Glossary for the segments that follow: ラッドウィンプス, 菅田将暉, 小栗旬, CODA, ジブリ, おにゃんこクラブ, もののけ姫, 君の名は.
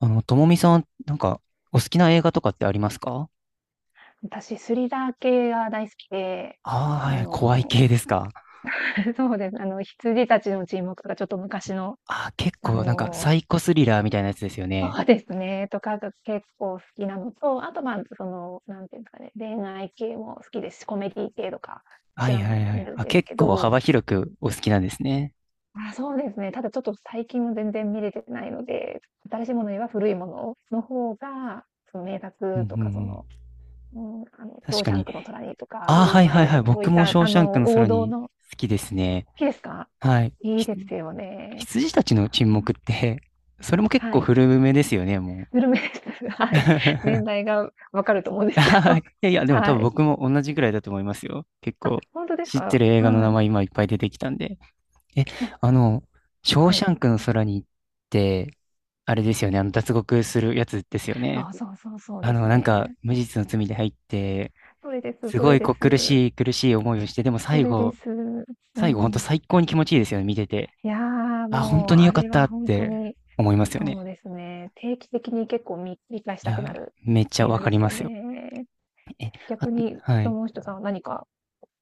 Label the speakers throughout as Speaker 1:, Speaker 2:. Speaker 1: ともみさん、お好きな映画とかってありますか。
Speaker 2: 私、スリラー系が大好きで、
Speaker 1: ああ
Speaker 2: あ
Speaker 1: ー、はい、怖い
Speaker 2: の、
Speaker 1: 系ですか。
Speaker 2: そうです、羊たちの沈黙とかちょっと昔の、
Speaker 1: ああー、結
Speaker 2: あ
Speaker 1: 構、サ
Speaker 2: の、
Speaker 1: イコスリラーみたいなやつですよね。
Speaker 2: そうですね、とかが結構好きなのと、あと、まあ、その、なんていうんですかね、恋愛系も好きですし、コメディ系とか、そ
Speaker 1: は
Speaker 2: ち
Speaker 1: い
Speaker 2: ら
Speaker 1: は
Speaker 2: も
Speaker 1: いは
Speaker 2: 見
Speaker 1: い。
Speaker 2: るん
Speaker 1: あ、
Speaker 2: です
Speaker 1: 結
Speaker 2: け
Speaker 1: 構
Speaker 2: ど、
Speaker 1: 幅広くお好きなんですね。
Speaker 2: あ、そうですね、ただちょっと最近も全然見れてないので、新しいものよりは古いものの方が、その名
Speaker 1: うんう
Speaker 2: 作
Speaker 1: ん
Speaker 2: と
Speaker 1: う
Speaker 2: かそ
Speaker 1: ん。
Speaker 2: の、うん、ショ
Speaker 1: 確
Speaker 2: ー
Speaker 1: か
Speaker 2: シャン
Speaker 1: に。
Speaker 2: クの虎にとか、
Speaker 1: あ
Speaker 2: グ
Speaker 1: あ、
Speaker 2: リー
Speaker 1: は
Speaker 2: ン
Speaker 1: い
Speaker 2: マイ
Speaker 1: はい
Speaker 2: ル
Speaker 1: は
Speaker 2: と
Speaker 1: い。
Speaker 2: か、そうい
Speaker 1: 僕
Speaker 2: っ
Speaker 1: もシ
Speaker 2: た、
Speaker 1: ョーシャンクの
Speaker 2: 王
Speaker 1: 空
Speaker 2: 道
Speaker 1: に
Speaker 2: の
Speaker 1: 好きです
Speaker 2: 好
Speaker 1: ね。
Speaker 2: きですか？
Speaker 1: はい。
Speaker 2: いいですよね。
Speaker 1: 羊たちの沈
Speaker 2: う
Speaker 1: 黙
Speaker 2: ん。
Speaker 1: って、それも結
Speaker 2: は
Speaker 1: 構
Speaker 2: い。
Speaker 1: 古めですよね、もう。
Speaker 2: グルメです。はい。年代が分かると思うんですけ
Speaker 1: はい、
Speaker 2: ど。
Speaker 1: いやいや、でも多
Speaker 2: は
Speaker 1: 分
Speaker 2: い。
Speaker 1: 僕も同じぐらいだと思いますよ。結
Speaker 2: あ、
Speaker 1: 構、
Speaker 2: ほんとです
Speaker 1: 知って
Speaker 2: か？
Speaker 1: る映画の
Speaker 2: は
Speaker 1: 名
Speaker 2: い。
Speaker 1: 前今いっぱい出てきたんで。え、
Speaker 2: あ、
Speaker 1: あの、ショー
Speaker 2: は
Speaker 1: シ
Speaker 2: い。
Speaker 1: ャンクの空に行って、あれですよね、脱獄するやつですよね。
Speaker 2: あ、そうそうそうですね。
Speaker 1: 無実の罪で入って、
Speaker 2: それです、
Speaker 1: す
Speaker 2: そ
Speaker 1: ご
Speaker 2: れ
Speaker 1: い
Speaker 2: で
Speaker 1: こう苦
Speaker 2: す。
Speaker 1: しい苦しい思いをして、でも
Speaker 2: そ
Speaker 1: 最
Speaker 2: れで
Speaker 1: 後、
Speaker 2: す。う
Speaker 1: 最後本当
Speaker 2: ん。
Speaker 1: 最高に気持ちいいですよね、見てて。
Speaker 2: いや、
Speaker 1: あ、本当
Speaker 2: もう
Speaker 1: に
Speaker 2: あ
Speaker 1: 良かっ
Speaker 2: れ
Speaker 1: た
Speaker 2: は
Speaker 1: っ
Speaker 2: ほんと
Speaker 1: て
Speaker 2: に、
Speaker 1: 思いますよ
Speaker 2: そ
Speaker 1: ね。
Speaker 2: うですね、定期的に結構み見返し
Speaker 1: い
Speaker 2: たくな
Speaker 1: や、
Speaker 2: る
Speaker 1: めっちゃ
Speaker 2: 映
Speaker 1: わ
Speaker 2: 画
Speaker 1: か
Speaker 2: で
Speaker 1: り
Speaker 2: す
Speaker 1: ま
Speaker 2: よ
Speaker 1: すよ。
Speaker 2: ね。
Speaker 1: え、
Speaker 2: 逆に、
Speaker 1: あ、は
Speaker 2: そ
Speaker 1: い。
Speaker 2: の人さんは何か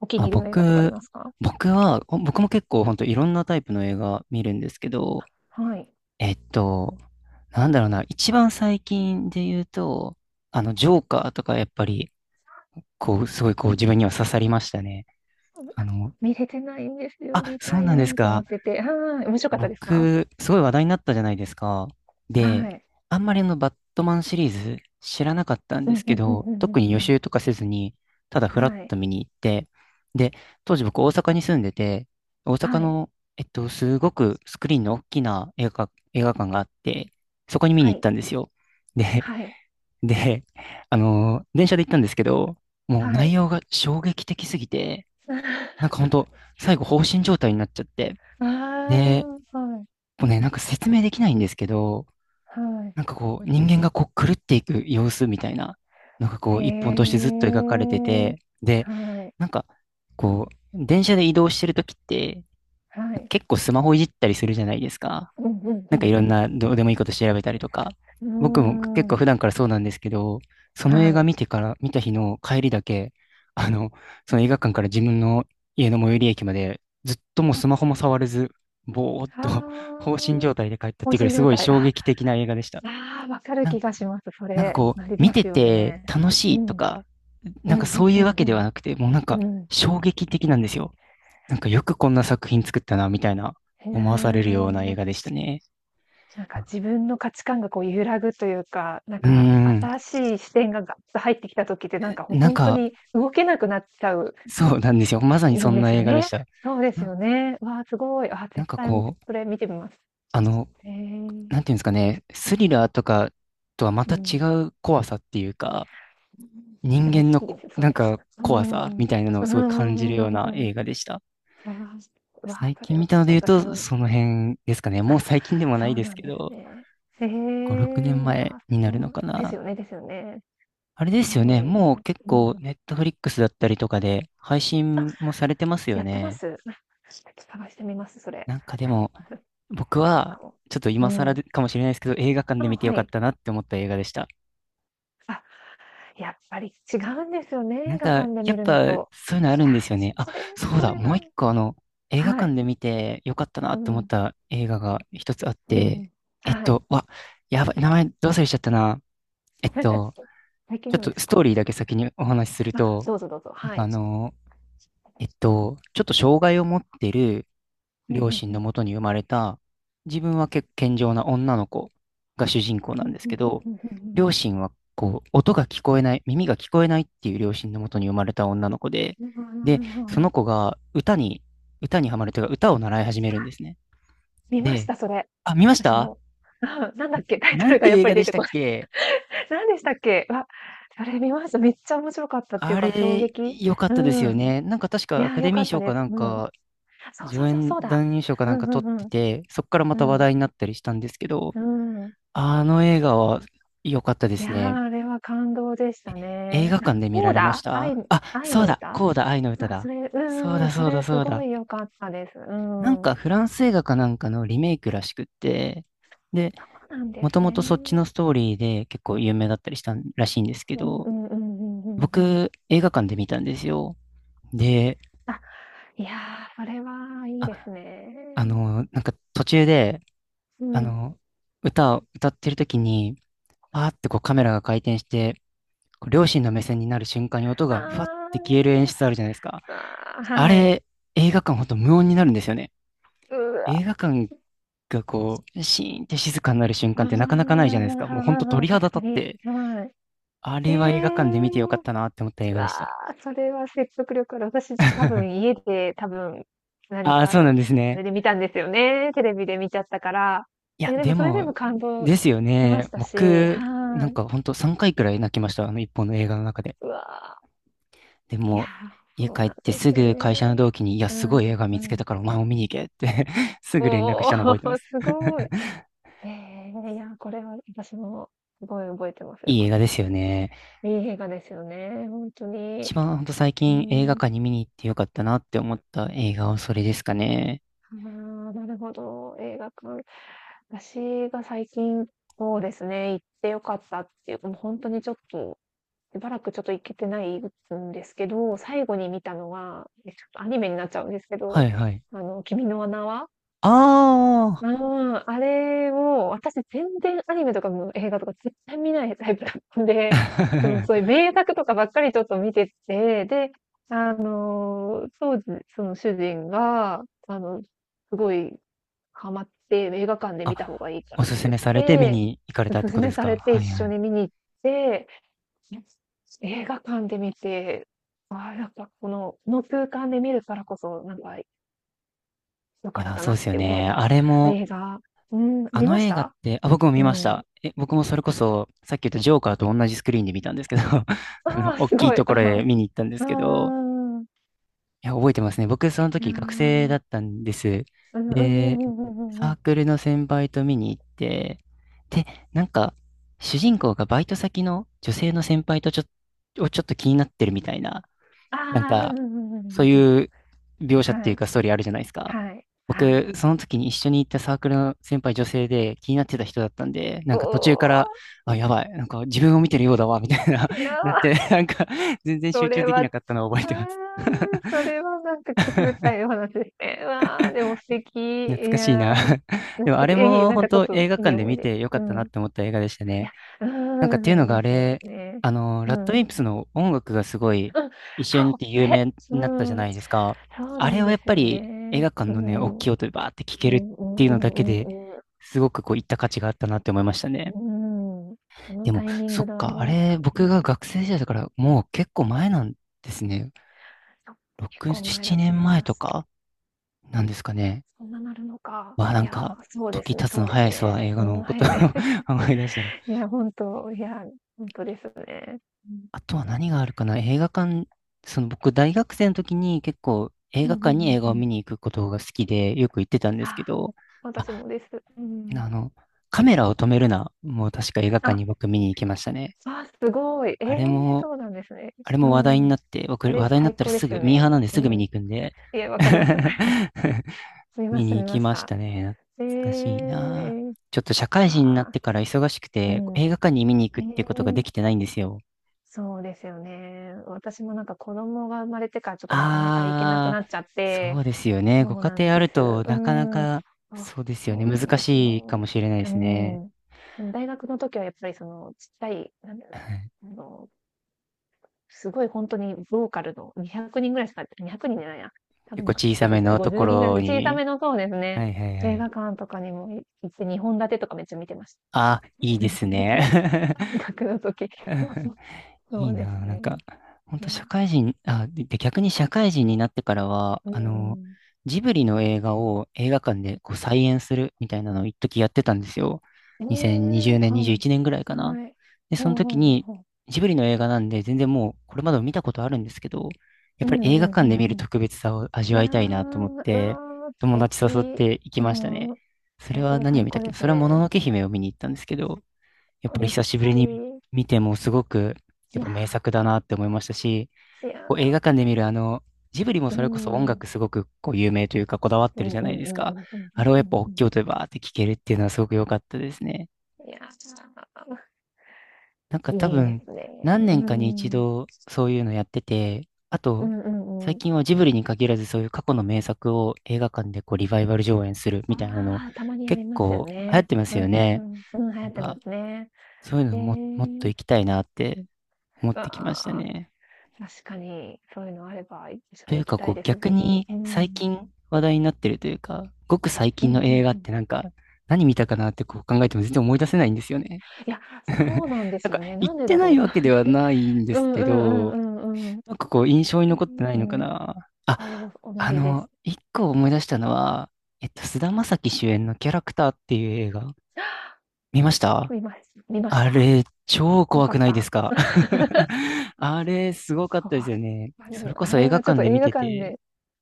Speaker 2: お気
Speaker 1: あ、
Speaker 2: に入りの映画とかあり
Speaker 1: 僕、
Speaker 2: ますか？
Speaker 1: 僕は、僕も結構本当いろんなタイプの映画見るんですけど、
Speaker 2: はい。
Speaker 1: えっと、なんだろうな、一番最近で言うと、ジョーカーとかやっぱり、こう、すごいこう自分には刺さりましたね。
Speaker 2: うん、
Speaker 1: あ
Speaker 2: あ、
Speaker 1: の、
Speaker 2: 見れてないんです
Speaker 1: あ、
Speaker 2: よ。見
Speaker 1: そ
Speaker 2: た
Speaker 1: う
Speaker 2: い
Speaker 1: なんです
Speaker 2: なと思
Speaker 1: か。
Speaker 2: ってて。はい。面白かったですか？
Speaker 1: 僕、すごい話題になったじゃないですか。
Speaker 2: は
Speaker 1: で、
Speaker 2: い。
Speaker 1: あんまりあのバットマンシリーズ知らなかったん
Speaker 2: う
Speaker 1: で
Speaker 2: んうん
Speaker 1: す
Speaker 2: う
Speaker 1: け
Speaker 2: んうん
Speaker 1: ど、
Speaker 2: うんう
Speaker 1: 特に予
Speaker 2: ん、
Speaker 1: 習とかせずに、ただフラッ
Speaker 2: は
Speaker 1: と
Speaker 2: い。
Speaker 1: 見に行って、で、当時僕大阪に住んでて、大阪
Speaker 2: はい。
Speaker 1: の、すごくスクリーンの大きな映画館があって、そこに見
Speaker 2: は
Speaker 1: に行っ
Speaker 2: い。
Speaker 1: たんですよ。で、
Speaker 2: はい。
Speaker 1: で、あのー電車で行ったんですけど、もう
Speaker 2: は
Speaker 1: 内
Speaker 2: い。
Speaker 1: 容が衝撃的すぎて、なんかほんと、最後放心状態になっちゃって、
Speaker 2: あ
Speaker 1: で、
Speaker 2: あ、はい。
Speaker 1: もうね、なんか説明できないんですけど、
Speaker 2: はい。
Speaker 1: なんかこう、人間がこう狂っていく様子みたいななんかこ
Speaker 2: へ
Speaker 1: う、一本としてずっと描かれて
Speaker 2: え。
Speaker 1: て、で、
Speaker 2: はい。
Speaker 1: なんか、こう、電車で移動してるときって、
Speaker 2: はい。
Speaker 1: 結構スマホいじったりするじゃないですか。
Speaker 2: うんうん
Speaker 1: なんかい
Speaker 2: う
Speaker 1: ろん
Speaker 2: ん
Speaker 1: などうでもいいこと調べたりとか、
Speaker 2: う
Speaker 1: 僕も
Speaker 2: ん。
Speaker 1: 結
Speaker 2: うー
Speaker 1: 構
Speaker 2: ん。
Speaker 1: 普段からそうなんですけど、その映
Speaker 2: は
Speaker 1: 画
Speaker 2: い。
Speaker 1: 見てから、見た日の帰りだけ、あの、その映画館から自分の家の最寄り駅まで、ずっともうスマホも触れず、ぼーっと
Speaker 2: あ
Speaker 1: 放心
Speaker 2: あ。
Speaker 1: 状態で帰ったって
Speaker 2: 放
Speaker 1: いうくらい
Speaker 2: 心
Speaker 1: す
Speaker 2: 状
Speaker 1: ごい
Speaker 2: 態。
Speaker 1: 衝
Speaker 2: あ、
Speaker 1: 撃的な映画でした。
Speaker 2: ああ、分かる
Speaker 1: なん、
Speaker 2: 気がします、そ
Speaker 1: なんか
Speaker 2: れ。
Speaker 1: こう、
Speaker 2: なり
Speaker 1: 見
Speaker 2: ま
Speaker 1: て
Speaker 2: すよ
Speaker 1: て
Speaker 2: ね。
Speaker 1: 楽し
Speaker 2: う
Speaker 1: いと
Speaker 2: ん。
Speaker 1: か、
Speaker 2: うんう
Speaker 1: なんかそう
Speaker 2: ん
Speaker 1: い
Speaker 2: う
Speaker 1: うわけでは
Speaker 2: ん
Speaker 1: なくて、もうなん
Speaker 2: う
Speaker 1: か
Speaker 2: ん。うん。
Speaker 1: 衝撃的なんですよ。なんかよくこんな作品作ったな、みたいな
Speaker 2: へえ。
Speaker 1: 思わされるような映画でしたね。
Speaker 2: なんか自分の価値観がこう揺らぐというか、なん
Speaker 1: うー
Speaker 2: か
Speaker 1: ん。
Speaker 2: 新しい視点がガッと入ってきた時って、なんかもう
Speaker 1: なん
Speaker 2: ほんと
Speaker 1: か、
Speaker 2: に動けなくなっちゃう
Speaker 1: そうなんですよ。まさにそ
Speaker 2: ん
Speaker 1: ん
Speaker 2: で
Speaker 1: な
Speaker 2: すよ
Speaker 1: 映画でし
Speaker 2: ね。
Speaker 1: た。
Speaker 2: そうです
Speaker 1: な、
Speaker 2: よね。わあ、すごい。あ、
Speaker 1: なん
Speaker 2: 絶
Speaker 1: か
Speaker 2: 対
Speaker 1: こう、
Speaker 2: それ見てみます。
Speaker 1: あの、
Speaker 2: へえ。
Speaker 1: なんていうんですかね、スリラーとかとはま
Speaker 2: う
Speaker 1: た違
Speaker 2: ん。
Speaker 1: う怖さっていうか、
Speaker 2: うん。
Speaker 1: 人
Speaker 2: 大
Speaker 1: 間
Speaker 2: 好
Speaker 1: の
Speaker 2: きです、そ
Speaker 1: なん
Speaker 2: れ。
Speaker 1: か
Speaker 2: う
Speaker 1: 怖さ
Speaker 2: んうんうん
Speaker 1: みたいなの
Speaker 2: うん。
Speaker 1: を
Speaker 2: うんう
Speaker 1: すごい感じる
Speaker 2: んう
Speaker 1: よう
Speaker 2: んう
Speaker 1: な
Speaker 2: んうん。わ
Speaker 1: 映画でした。
Speaker 2: あ、わあ、
Speaker 1: 最
Speaker 2: それ
Speaker 1: 近
Speaker 2: は
Speaker 1: 見
Speaker 2: ち
Speaker 1: たので
Speaker 2: ょっ
Speaker 1: 言う
Speaker 2: と私
Speaker 1: と、
Speaker 2: の
Speaker 1: その辺ですかね。もう最近でもな
Speaker 2: そ
Speaker 1: い
Speaker 2: う
Speaker 1: です
Speaker 2: なん
Speaker 1: け
Speaker 2: です
Speaker 1: ど、
Speaker 2: ね。へ
Speaker 1: 5、6
Speaker 2: え、
Speaker 1: 年
Speaker 2: わ
Speaker 1: 前
Speaker 2: あ、
Speaker 1: に
Speaker 2: す
Speaker 1: なるの
Speaker 2: ごい。
Speaker 1: か
Speaker 2: です
Speaker 1: な。
Speaker 2: よね、ですよね。
Speaker 1: あれで
Speaker 2: す
Speaker 1: すよ
Speaker 2: ご
Speaker 1: ね。
Speaker 2: い。
Speaker 1: もう結
Speaker 2: う
Speaker 1: 構、
Speaker 2: ん。
Speaker 1: ネットフリックスだったりとかで配信もされてますよ
Speaker 2: やってま
Speaker 1: ね。
Speaker 2: す？ちょっと探してみます、それ。
Speaker 1: なんかでも、僕
Speaker 2: はい
Speaker 1: は、
Speaker 2: かも。
Speaker 1: ちょっと
Speaker 2: う
Speaker 1: 今更
Speaker 2: ん。
Speaker 1: でかもしれないですけど、映画館で
Speaker 2: あ、
Speaker 1: 見てよ
Speaker 2: は
Speaker 1: かっ
Speaker 2: い。
Speaker 1: たなって思った映画でした。
Speaker 2: あ、やっぱり違うんですよね、
Speaker 1: な
Speaker 2: 映
Speaker 1: ん
Speaker 2: 画
Speaker 1: か、
Speaker 2: 館で
Speaker 1: や
Speaker 2: 見
Speaker 1: っ
Speaker 2: るの
Speaker 1: ぱ、
Speaker 2: と。
Speaker 1: そういうのあ
Speaker 2: い
Speaker 1: る
Speaker 2: や、
Speaker 1: んですよね。あ、
Speaker 2: それ、
Speaker 1: そう
Speaker 2: そ
Speaker 1: だ、
Speaker 2: れ
Speaker 1: もう
Speaker 2: な
Speaker 1: 一
Speaker 2: ん、
Speaker 1: 個映画
Speaker 2: は
Speaker 1: 館
Speaker 2: い。
Speaker 1: で見てよかったな
Speaker 2: う
Speaker 1: って思っ
Speaker 2: ん。
Speaker 1: た映画が一つあっ
Speaker 2: うんう
Speaker 1: て、
Speaker 2: ん、
Speaker 1: えっ
Speaker 2: はい。
Speaker 1: と、わ、やばい、名前どう忘れしちゃったな。えっと、
Speaker 2: 最近
Speaker 1: ちょっ
Speaker 2: ので
Speaker 1: と
Speaker 2: す
Speaker 1: ス
Speaker 2: か？
Speaker 1: トーリーだけ先にお話しする
Speaker 2: あ、
Speaker 1: と、
Speaker 2: どうぞどうぞ、
Speaker 1: なん
Speaker 2: は
Speaker 1: かあ
Speaker 2: い。
Speaker 1: の、ちょっと障害を持ってる
Speaker 2: うん、う
Speaker 1: 両
Speaker 2: ん
Speaker 1: 親
Speaker 2: う
Speaker 1: の
Speaker 2: ん。
Speaker 1: もとに生まれた、自分は結構健常な女の子が主人公な
Speaker 2: うん、
Speaker 1: ん
Speaker 2: う
Speaker 1: で
Speaker 2: ん
Speaker 1: す
Speaker 2: う
Speaker 1: け
Speaker 2: んうん
Speaker 1: ど、
Speaker 2: うんうん。
Speaker 1: 両親はこう、音が聞こえない、耳が聞こえないっていう両親のもとに生まれた女の子で、で、
Speaker 2: な
Speaker 1: そ
Speaker 2: あ、
Speaker 1: の子が歌にハマるというか、歌を習い始めるんですね。
Speaker 2: 見まし
Speaker 1: で、
Speaker 2: た、それ。
Speaker 1: あ、見まし
Speaker 2: 私
Speaker 1: た。
Speaker 2: も。うん、なんだっけ、タイ
Speaker 1: な
Speaker 2: ト
Speaker 1: ん
Speaker 2: ルが
Speaker 1: てい
Speaker 2: や
Speaker 1: う
Speaker 2: っ
Speaker 1: 映
Speaker 2: ぱり
Speaker 1: 画で
Speaker 2: 出
Speaker 1: し
Speaker 2: て
Speaker 1: たっ
Speaker 2: こ、
Speaker 1: け。
Speaker 2: 何でしたっけ？わ、あれ見ました。めっちゃ面白かったっていう
Speaker 1: あ
Speaker 2: か、衝
Speaker 1: れ、
Speaker 2: 撃。
Speaker 1: 良かっ
Speaker 2: う
Speaker 1: たですよ
Speaker 2: ん。
Speaker 1: ね。なんか確
Speaker 2: い
Speaker 1: かア
Speaker 2: や、
Speaker 1: カデ
Speaker 2: 良
Speaker 1: ミ
Speaker 2: か
Speaker 1: ー
Speaker 2: った
Speaker 1: 賞
Speaker 2: で
Speaker 1: か
Speaker 2: す。
Speaker 1: なん
Speaker 2: うん。
Speaker 1: か、
Speaker 2: そう
Speaker 1: 助
Speaker 2: そうそう、
Speaker 1: 演
Speaker 2: そうだ。
Speaker 1: 男優賞か
Speaker 2: う
Speaker 1: なん
Speaker 2: ん
Speaker 1: か取っ
Speaker 2: う
Speaker 1: て
Speaker 2: ん
Speaker 1: て、そこからま
Speaker 2: う
Speaker 1: た
Speaker 2: ん。
Speaker 1: 話
Speaker 2: う
Speaker 1: 題になったりしたんですけど、
Speaker 2: ん。うん。
Speaker 1: あの映画は良かったで
Speaker 2: い
Speaker 1: すね。
Speaker 2: や、あれは感動でした
Speaker 1: 映
Speaker 2: ね。
Speaker 1: 画
Speaker 2: あ、
Speaker 1: 館で見
Speaker 2: コ
Speaker 1: ら
Speaker 2: ー
Speaker 1: れまし
Speaker 2: ダ？愛、
Speaker 1: た。あ、
Speaker 2: 愛
Speaker 1: そう
Speaker 2: の
Speaker 1: だ、
Speaker 2: 歌？
Speaker 1: こうだ、愛の
Speaker 2: そ
Speaker 1: 歌
Speaker 2: う、そ
Speaker 1: だ。
Speaker 2: れ、うんう
Speaker 1: そう
Speaker 2: んうん、
Speaker 1: だ、
Speaker 2: そ
Speaker 1: そう
Speaker 2: れ
Speaker 1: だ、
Speaker 2: す
Speaker 1: そう
Speaker 2: ご
Speaker 1: だ。
Speaker 2: い良かったです。う
Speaker 1: なん
Speaker 2: ん。
Speaker 1: かフランス映画かなんかのリメイクらしくって、で、
Speaker 2: そうなんで
Speaker 1: も
Speaker 2: す
Speaker 1: ともとそっち
Speaker 2: ね。
Speaker 1: のストーリーで結構有名だったりしたらしいんですけ
Speaker 2: うんう
Speaker 1: ど、
Speaker 2: んうんうんうんうん。
Speaker 1: 僕、映画館で見たんですよ。で、
Speaker 2: あ、いや、それはいい
Speaker 1: あ、
Speaker 2: ですね。
Speaker 1: なんか途中で、
Speaker 2: う
Speaker 1: あ
Speaker 2: ん。
Speaker 1: の、歌を歌ってる時に、パーってこうカメラが回転して、こう両親の目線になる瞬間に音がふわって
Speaker 2: あ
Speaker 1: 消える演出あるじゃないですか。
Speaker 2: あ。ああ、
Speaker 1: あ
Speaker 2: はい。
Speaker 1: れ、映画館ほんと無音になるんですよね。
Speaker 2: うわ。
Speaker 1: 映画館がこう、シーンって静かになる瞬
Speaker 2: あ
Speaker 1: 間ってなかなかないじゃないですか。もうほんと
Speaker 2: あ、
Speaker 1: 鳥肌
Speaker 2: 確
Speaker 1: 立
Speaker 2: か
Speaker 1: っ
Speaker 2: に。
Speaker 1: て、
Speaker 2: はい。
Speaker 1: あ
Speaker 2: え
Speaker 1: れは映画館で
Speaker 2: え、
Speaker 1: 見てよかったなって思った映
Speaker 2: う
Speaker 1: 画でした。
Speaker 2: わあ、それは説得力ある。私多分 家で多分、何
Speaker 1: ああ、そうな
Speaker 2: か、
Speaker 1: んです
Speaker 2: そ
Speaker 1: ね。
Speaker 2: れで見たんですよね。テレビで見ちゃったから。
Speaker 1: い
Speaker 2: え、
Speaker 1: や、
Speaker 2: で
Speaker 1: で
Speaker 2: もそれで
Speaker 1: も、
Speaker 2: も感動し
Speaker 1: ですよ
Speaker 2: ま
Speaker 1: ね。
Speaker 2: したし、
Speaker 1: 僕、な
Speaker 2: は
Speaker 1: ん
Speaker 2: い。
Speaker 1: かほんと3回くらい泣きました。あの一本の映画の中で。
Speaker 2: うわあ、
Speaker 1: で
Speaker 2: いや、
Speaker 1: も、家
Speaker 2: そう
Speaker 1: 帰っ
Speaker 2: なん
Speaker 1: て
Speaker 2: で
Speaker 1: す
Speaker 2: すよ
Speaker 1: ぐ会社の
Speaker 2: ね。
Speaker 1: 同期に、いや、
Speaker 2: う
Speaker 1: すごい映
Speaker 2: ん、
Speaker 1: 画
Speaker 2: う
Speaker 1: 見つけ
Speaker 2: ん。
Speaker 1: たからお前も見に行けって すぐ連絡
Speaker 2: お
Speaker 1: し
Speaker 2: お、
Speaker 1: たの覚えてま す。
Speaker 2: すごい。ええ、いや、これは私もすごい覚えてます。よ
Speaker 1: いい
Speaker 2: か
Speaker 1: 映
Speaker 2: っ
Speaker 1: 画
Speaker 2: た
Speaker 1: で
Speaker 2: で
Speaker 1: すよ
Speaker 2: すね、
Speaker 1: ね。
Speaker 2: いい映画ですよね、本当に。
Speaker 1: 一番ほんと最
Speaker 2: へ
Speaker 1: 近映画
Speaker 2: ん、あ、
Speaker 1: 館に見に行ってよかったなって思った映画はそれですかね。
Speaker 2: あ、なるほど、映画館。私が最近、そうですね、行ってよかったっていうもう本当にちょっと、しばらくちょっと行けてないんですけど、最後に見たのは、え、ちょっとアニメになっちゃうんですけ
Speaker 1: は
Speaker 2: ど、
Speaker 1: いはい。
Speaker 2: 君の名は？
Speaker 1: ああ。
Speaker 2: うーん、あれを、私全然アニメとかも映画とか絶対見ないタイプだったんで、その、そういう 名作とかばっかりちょっと見てて、で、当時、その主人が、すごいハマって、映画館で見た方が
Speaker 1: あ、
Speaker 2: いいか
Speaker 1: お
Speaker 2: らって
Speaker 1: すす
Speaker 2: 言っ
Speaker 1: めされて見
Speaker 2: て、
Speaker 1: に行かれた ってこ
Speaker 2: 勧
Speaker 1: と
Speaker 2: め
Speaker 1: です
Speaker 2: さ
Speaker 1: か。
Speaker 2: れて
Speaker 1: はい
Speaker 2: 一
Speaker 1: は
Speaker 2: 緒
Speaker 1: い。
Speaker 2: に見に行って、映画館で見て、ああ、やっぱこの、この空間で見るからこそ、なんか良
Speaker 1: い
Speaker 2: かっ
Speaker 1: やー、
Speaker 2: た
Speaker 1: そ
Speaker 2: な
Speaker 1: うで
Speaker 2: っ
Speaker 1: すよ
Speaker 2: て思え
Speaker 1: ね。あ
Speaker 2: た
Speaker 1: れも、
Speaker 2: 映画、うん、
Speaker 1: あ
Speaker 2: 見
Speaker 1: の
Speaker 2: まし
Speaker 1: 映画っ
Speaker 2: た？
Speaker 1: て、あ、僕も
Speaker 2: う
Speaker 1: 見まし
Speaker 2: ん。
Speaker 1: た。え、僕もそれこそ、さっき言ったジョーカーと同じスクリーンで見たんですけど、
Speaker 2: ああ、
Speaker 1: 大
Speaker 2: す
Speaker 1: きい
Speaker 2: ごい。
Speaker 1: と ころで
Speaker 2: あ
Speaker 1: 見に行ったんで
Speaker 2: あ
Speaker 1: すけど、
Speaker 2: ー、
Speaker 1: いや、覚えてますね。僕、その
Speaker 2: いや
Speaker 1: 時学生だ
Speaker 2: ー、
Speaker 1: ったんです。
Speaker 2: うんうんう
Speaker 1: で、
Speaker 2: んうんうんう
Speaker 1: サー
Speaker 2: ん。
Speaker 1: クルの先輩と見に行って、で、なんか、主人公がバイト先の女性の先輩とちょっと気になってるみたいな、
Speaker 2: あ
Speaker 1: なん
Speaker 2: あ、う
Speaker 1: か、
Speaker 2: んうんうん
Speaker 1: そう
Speaker 2: うんうん、
Speaker 1: いう描写って
Speaker 2: は
Speaker 1: いう
Speaker 2: い。
Speaker 1: かストーリーあるじゃないですか。
Speaker 2: はい。はい。
Speaker 1: 僕、その時に一緒に行ったサークルの先輩女性で気になってた人だったんで、なん
Speaker 2: お
Speaker 1: か途中か
Speaker 2: お、
Speaker 1: ら、あ、やばい、なんか自分を見てるようだわ、みたいな、
Speaker 2: い や
Speaker 1: なっ
Speaker 2: ー、
Speaker 1: て、なんか、全然
Speaker 2: そ
Speaker 1: 集中
Speaker 2: れ
Speaker 1: で
Speaker 2: は、
Speaker 1: き
Speaker 2: ああ、
Speaker 1: なかったのを覚えてます。
Speaker 2: それはなんかくすぐったいお話ですね。わあ、でも素敵。い
Speaker 1: 懐かしいな。
Speaker 2: やー、
Speaker 1: でもあ
Speaker 2: 懐か
Speaker 1: れ
Speaker 2: しい。いや、いい、
Speaker 1: も
Speaker 2: なん
Speaker 1: 本
Speaker 2: かちょっ
Speaker 1: 当
Speaker 2: と
Speaker 1: 映画
Speaker 2: い
Speaker 1: 館
Speaker 2: い
Speaker 1: で
Speaker 2: 思い
Speaker 1: 見
Speaker 2: 出。
Speaker 1: てよか
Speaker 2: う
Speaker 1: ったなっ
Speaker 2: ん。い
Speaker 1: て思った映画でしたね。
Speaker 2: や、う
Speaker 1: なんかっていうの
Speaker 2: ん、
Speaker 1: が
Speaker 2: で
Speaker 1: あ
Speaker 2: すよ
Speaker 1: れ、
Speaker 2: ね。う
Speaker 1: ラッドウィン
Speaker 2: ん。
Speaker 1: プスの音楽がすごい一緒にっ
Speaker 2: そう、
Speaker 1: て
Speaker 2: そ
Speaker 1: 有名
Speaker 2: れ、
Speaker 1: に
Speaker 2: う
Speaker 1: なったじゃな
Speaker 2: ん、
Speaker 1: いですか。
Speaker 2: そうな
Speaker 1: あれ
Speaker 2: ん
Speaker 1: を
Speaker 2: で
Speaker 1: やっ
Speaker 2: す
Speaker 1: ぱ
Speaker 2: よ
Speaker 1: り映
Speaker 2: ね。
Speaker 1: 画館
Speaker 2: う
Speaker 1: のね、大
Speaker 2: ん、う
Speaker 1: き
Speaker 2: ん
Speaker 1: い音でバーって聴
Speaker 2: う
Speaker 1: けるっ
Speaker 2: ん
Speaker 1: ていう
Speaker 2: う
Speaker 1: のだけ
Speaker 2: ん
Speaker 1: で
Speaker 2: うんう
Speaker 1: すごくこういった価値があったなって思いましたね。
Speaker 2: ん。うん。あの
Speaker 1: で
Speaker 2: タ
Speaker 1: も、
Speaker 2: イミン
Speaker 1: そ
Speaker 2: グ
Speaker 1: っ
Speaker 2: のあ
Speaker 1: か、
Speaker 2: の
Speaker 1: あ
Speaker 2: 音
Speaker 1: れ
Speaker 2: 楽、
Speaker 1: 僕
Speaker 2: う
Speaker 1: が
Speaker 2: ん。
Speaker 1: 学生時代だからもう結構前なんですね。
Speaker 2: そう、結
Speaker 1: 6、
Speaker 2: 構前
Speaker 1: 7
Speaker 2: だと思
Speaker 1: 年
Speaker 2: い
Speaker 1: 前
Speaker 2: ま
Speaker 1: と
Speaker 2: す。
Speaker 1: かなんですかね。
Speaker 2: そんななるのか。
Speaker 1: まあな
Speaker 2: い
Speaker 1: ん
Speaker 2: やー、
Speaker 1: か、
Speaker 2: そうで
Speaker 1: 時
Speaker 2: すね、
Speaker 1: 経つの
Speaker 2: そうで
Speaker 1: 早い
Speaker 2: す
Speaker 1: っすわ、
Speaker 2: ね。
Speaker 1: 映画
Speaker 2: う
Speaker 1: の
Speaker 2: ん、
Speaker 1: ことを
Speaker 2: 早い。
Speaker 1: 考え出したら。
Speaker 2: いや、ほんと、いや、ほんとですね。うん。
Speaker 1: あとは何があるかな映画館、その僕大学生の時に結構映
Speaker 2: うん
Speaker 1: 画
Speaker 2: うんう
Speaker 1: 館に映
Speaker 2: ん
Speaker 1: 画
Speaker 2: う
Speaker 1: を
Speaker 2: ん。
Speaker 1: 見に行くことが好きでよく行ってたんですけ
Speaker 2: あ
Speaker 1: ど、
Speaker 2: ー、私
Speaker 1: あ、
Speaker 2: もです。うん。
Speaker 1: あの、カメラを止めるなもう確か映画館
Speaker 2: あ、
Speaker 1: に僕見に行きましたね。
Speaker 2: あ、すごい。え
Speaker 1: あ
Speaker 2: え、
Speaker 1: れも、
Speaker 2: そうなんですね。
Speaker 1: あれ
Speaker 2: う
Speaker 1: も話題に
Speaker 2: ん。
Speaker 1: なって、僕
Speaker 2: あ
Speaker 1: 話
Speaker 2: れ
Speaker 1: 題になっ
Speaker 2: 最
Speaker 1: たら
Speaker 2: 高で
Speaker 1: す
Speaker 2: す
Speaker 1: ぐ、
Speaker 2: よ
Speaker 1: ミー
Speaker 2: ね。
Speaker 1: ハーなんで
Speaker 2: う
Speaker 1: すぐ見
Speaker 2: ん。
Speaker 1: に行くんで。
Speaker 2: いや、わかります、わかります。見ま
Speaker 1: 見
Speaker 2: した、
Speaker 1: に
Speaker 2: 見
Speaker 1: 行き
Speaker 2: まし
Speaker 1: まし
Speaker 2: た。
Speaker 1: たね。
Speaker 2: え
Speaker 1: 懐かしいなあ。
Speaker 2: え、
Speaker 1: ちょっと社会人になっ
Speaker 2: わ
Speaker 1: て
Speaker 2: あ、
Speaker 1: から忙しく
Speaker 2: う
Speaker 1: て、
Speaker 2: ん、
Speaker 1: 映画館に見に行くって
Speaker 2: ね
Speaker 1: ことがで
Speaker 2: え、
Speaker 1: きてないんですよ。
Speaker 2: そうですよね。私もなんか子供が生まれてからちょっとなかなか行けなく
Speaker 1: あ
Speaker 2: なっ
Speaker 1: あ、
Speaker 2: ちゃっ
Speaker 1: そ
Speaker 2: て、
Speaker 1: うですよね。ご
Speaker 2: そう
Speaker 1: 家
Speaker 2: なん
Speaker 1: 庭あ
Speaker 2: で
Speaker 1: る
Speaker 2: す。
Speaker 1: と、
Speaker 2: う
Speaker 1: なかな
Speaker 2: ん。
Speaker 1: か、
Speaker 2: あ、
Speaker 1: そうですよね。
Speaker 2: そうなん
Speaker 1: 難
Speaker 2: です。
Speaker 1: しいか
Speaker 2: そ
Speaker 1: もしれないで
Speaker 2: う、う
Speaker 1: すね。
Speaker 2: ん。でも大学の時はやっぱりそのちっちゃい、なんだ ろ
Speaker 1: はい、
Speaker 2: う、すごい本当にローカルの200人ぐらいしか、200人じゃないな。多
Speaker 1: 結
Speaker 2: 分
Speaker 1: 構
Speaker 2: もっ
Speaker 1: 小さ
Speaker 2: と違
Speaker 1: め
Speaker 2: う、
Speaker 1: のと
Speaker 2: 50
Speaker 1: こ
Speaker 2: 人ぐらい
Speaker 1: ろ
Speaker 2: で、小さ
Speaker 1: に。
Speaker 2: めのそうです
Speaker 1: は
Speaker 2: ね、
Speaker 1: いはいは
Speaker 2: 映
Speaker 1: い。
Speaker 2: 画館とかにもい行って2本立てとかめっちゃ見てました。
Speaker 1: あ、いいです ね。
Speaker 2: 3泊の時。そう
Speaker 1: い
Speaker 2: そ
Speaker 1: い
Speaker 2: う、です
Speaker 1: なぁ。なん
Speaker 2: ね。
Speaker 1: か、本
Speaker 2: い
Speaker 1: 当
Speaker 2: や、
Speaker 1: 社会人、で逆に社会人になってからは、
Speaker 2: うーん。
Speaker 1: ジブリの映画を映画館でこう再演するみたいなのを一時やってたんですよ。
Speaker 2: え
Speaker 1: 2020
Speaker 2: え、
Speaker 1: 年、21
Speaker 2: は
Speaker 1: 年ぐらい
Speaker 2: い。
Speaker 1: かな。
Speaker 2: はい。
Speaker 1: で、その
Speaker 2: ほう
Speaker 1: 時
Speaker 2: ほうほう
Speaker 1: に、
Speaker 2: ほ
Speaker 1: ジブリの映画なんで、全然もうこれまでも見たことあるんですけど、や
Speaker 2: う。
Speaker 1: っ
Speaker 2: う
Speaker 1: ぱ
Speaker 2: ん
Speaker 1: り
Speaker 2: う
Speaker 1: 映画館で
Speaker 2: ん
Speaker 1: 見
Speaker 2: うん
Speaker 1: る
Speaker 2: うん。
Speaker 1: 特別さを味
Speaker 2: いや
Speaker 1: わいたいなと思っ
Speaker 2: ー、う
Speaker 1: て、
Speaker 2: わー、素
Speaker 1: 友達誘っ
Speaker 2: 敵。
Speaker 1: て行き
Speaker 2: う
Speaker 1: ましたね。
Speaker 2: ん。い
Speaker 1: それ
Speaker 2: や、そ
Speaker 1: は
Speaker 2: れ
Speaker 1: 何を
Speaker 2: 最
Speaker 1: 見た
Speaker 2: 高
Speaker 1: っけ
Speaker 2: で
Speaker 1: な、
Speaker 2: す
Speaker 1: それはもの
Speaker 2: ね。
Speaker 1: のけ姫を見に行ったんですけど、やっ
Speaker 2: こ
Speaker 1: ぱり
Speaker 2: れ、っ
Speaker 1: 久しぶ
Speaker 2: ち
Speaker 1: り
Speaker 2: ゃい。
Speaker 1: に
Speaker 2: い
Speaker 1: 見てもすごくやっぱ名
Speaker 2: や
Speaker 1: 作だなって思いましたし、
Speaker 2: ー、いや。
Speaker 1: こう映画館で見るジブリも
Speaker 2: うー
Speaker 1: それこそ音
Speaker 2: ん。
Speaker 1: 楽すごくこう有名というかこだわっ
Speaker 2: う
Speaker 1: てる
Speaker 2: ん
Speaker 1: じゃ
Speaker 2: う
Speaker 1: ない
Speaker 2: ん
Speaker 1: で
Speaker 2: う
Speaker 1: す
Speaker 2: んう
Speaker 1: か。
Speaker 2: ん。うんう
Speaker 1: あれ
Speaker 2: ん
Speaker 1: をや
Speaker 2: う
Speaker 1: っ
Speaker 2: ん
Speaker 1: ぱ大
Speaker 2: う
Speaker 1: き
Speaker 2: ん。
Speaker 1: い音でバーって聴けるっていうのはすごく良かったですね。
Speaker 2: いやー、
Speaker 1: なんか多
Speaker 2: いいで
Speaker 1: 分
Speaker 2: す
Speaker 1: 何
Speaker 2: ね。う
Speaker 1: 年
Speaker 2: ん。う
Speaker 1: かに一
Speaker 2: ん
Speaker 1: 度そういうのやってて、あ
Speaker 2: う
Speaker 1: と
Speaker 2: ん
Speaker 1: 最
Speaker 2: うん。
Speaker 1: 近はジブリに限らずそういう過去の名作を映画館でこうリバイバル上演するみたいなの
Speaker 2: ああ、たまにあ
Speaker 1: 結
Speaker 2: りますよ
Speaker 1: 構流行っ
Speaker 2: ね。
Speaker 1: てます
Speaker 2: うん
Speaker 1: よ
Speaker 2: うんう
Speaker 1: ね。
Speaker 2: ん。うん、流行
Speaker 1: なん
Speaker 2: ってま
Speaker 1: か
Speaker 2: すね。
Speaker 1: そういうの
Speaker 2: へ
Speaker 1: も、もっと
Speaker 2: え。
Speaker 1: 行きたいなって思ってきました
Speaker 2: わあ、
Speaker 1: ね。
Speaker 2: 確かにそういうのあれば、私
Speaker 1: と
Speaker 2: も
Speaker 1: い
Speaker 2: 行
Speaker 1: う
Speaker 2: き
Speaker 1: か、
Speaker 2: た
Speaker 1: こ
Speaker 2: い
Speaker 1: う
Speaker 2: です、
Speaker 1: 逆
Speaker 2: ぜひ。
Speaker 1: に
Speaker 2: う
Speaker 1: 最
Speaker 2: ん。
Speaker 1: 近話題になってるというか、ごく最
Speaker 2: うん、
Speaker 1: 近の
Speaker 2: う
Speaker 1: 映
Speaker 2: ん
Speaker 1: 画っ
Speaker 2: うん。
Speaker 1: てなんか何見たかなってこう考えても全然思い出せないんですよね。
Speaker 2: いや、そうなんで
Speaker 1: なん
Speaker 2: す
Speaker 1: か
Speaker 2: よね。
Speaker 1: 行
Speaker 2: な
Speaker 1: っ
Speaker 2: んで
Speaker 1: て
Speaker 2: だ
Speaker 1: な
Speaker 2: ろう
Speaker 1: い
Speaker 2: と
Speaker 1: わ
Speaker 2: 思
Speaker 1: け
Speaker 2: っ
Speaker 1: では
Speaker 2: て。
Speaker 1: ないんで
Speaker 2: う
Speaker 1: す
Speaker 2: ん
Speaker 1: け
Speaker 2: うん
Speaker 1: ど、
Speaker 2: うんうんうん。
Speaker 1: なんかこう印象に
Speaker 2: う
Speaker 1: 残ってないのか
Speaker 2: ん、うん。
Speaker 1: な。
Speaker 2: そう、同じです。
Speaker 1: 一個思い出したのは、菅田将暉主演のキャラクターっていう映画見ました。
Speaker 2: 見まし見まし
Speaker 1: あ
Speaker 2: た。
Speaker 1: れ、超
Speaker 2: 怖
Speaker 1: 怖
Speaker 2: か
Speaker 1: く
Speaker 2: っ
Speaker 1: ないで
Speaker 2: た。
Speaker 1: すか。 あれ、すごかっ
Speaker 2: あ
Speaker 1: たです
Speaker 2: あ、
Speaker 1: よね。
Speaker 2: あ
Speaker 1: そ
Speaker 2: れ、
Speaker 1: れこ
Speaker 2: あ
Speaker 1: そ映
Speaker 2: れ
Speaker 1: 画
Speaker 2: はちょっ
Speaker 1: 館
Speaker 2: と
Speaker 1: で
Speaker 2: 映
Speaker 1: 見
Speaker 2: 画
Speaker 1: て
Speaker 2: 館
Speaker 1: て、
Speaker 2: で、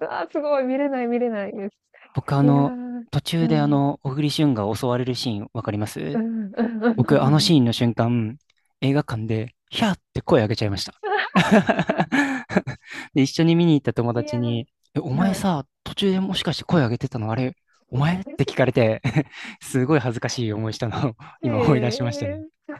Speaker 2: うわー、すごい、見れない、見れないです。
Speaker 1: 僕あ
Speaker 2: いや
Speaker 1: の、
Speaker 2: ー、
Speaker 1: 途
Speaker 2: う
Speaker 1: 中で
Speaker 2: ん、うん、
Speaker 1: 小栗旬が襲われるシーン、わかります？
Speaker 2: うん、うんうんう
Speaker 1: 僕、あの
Speaker 2: んう
Speaker 1: シー
Speaker 2: ん。
Speaker 1: ンの瞬間、映画館で、ヒャーって声上げちゃいました。で、一緒に見に行った友
Speaker 2: い
Speaker 1: 達
Speaker 2: やー、
Speaker 1: に、え、お 前
Speaker 2: はい。
Speaker 1: さ、途中でもしかして声上げてたのあれ、お前って聞かれて すごい恥ずかしい思いしたのを今思い出しました
Speaker 2: え
Speaker 1: ね。
Speaker 2: え。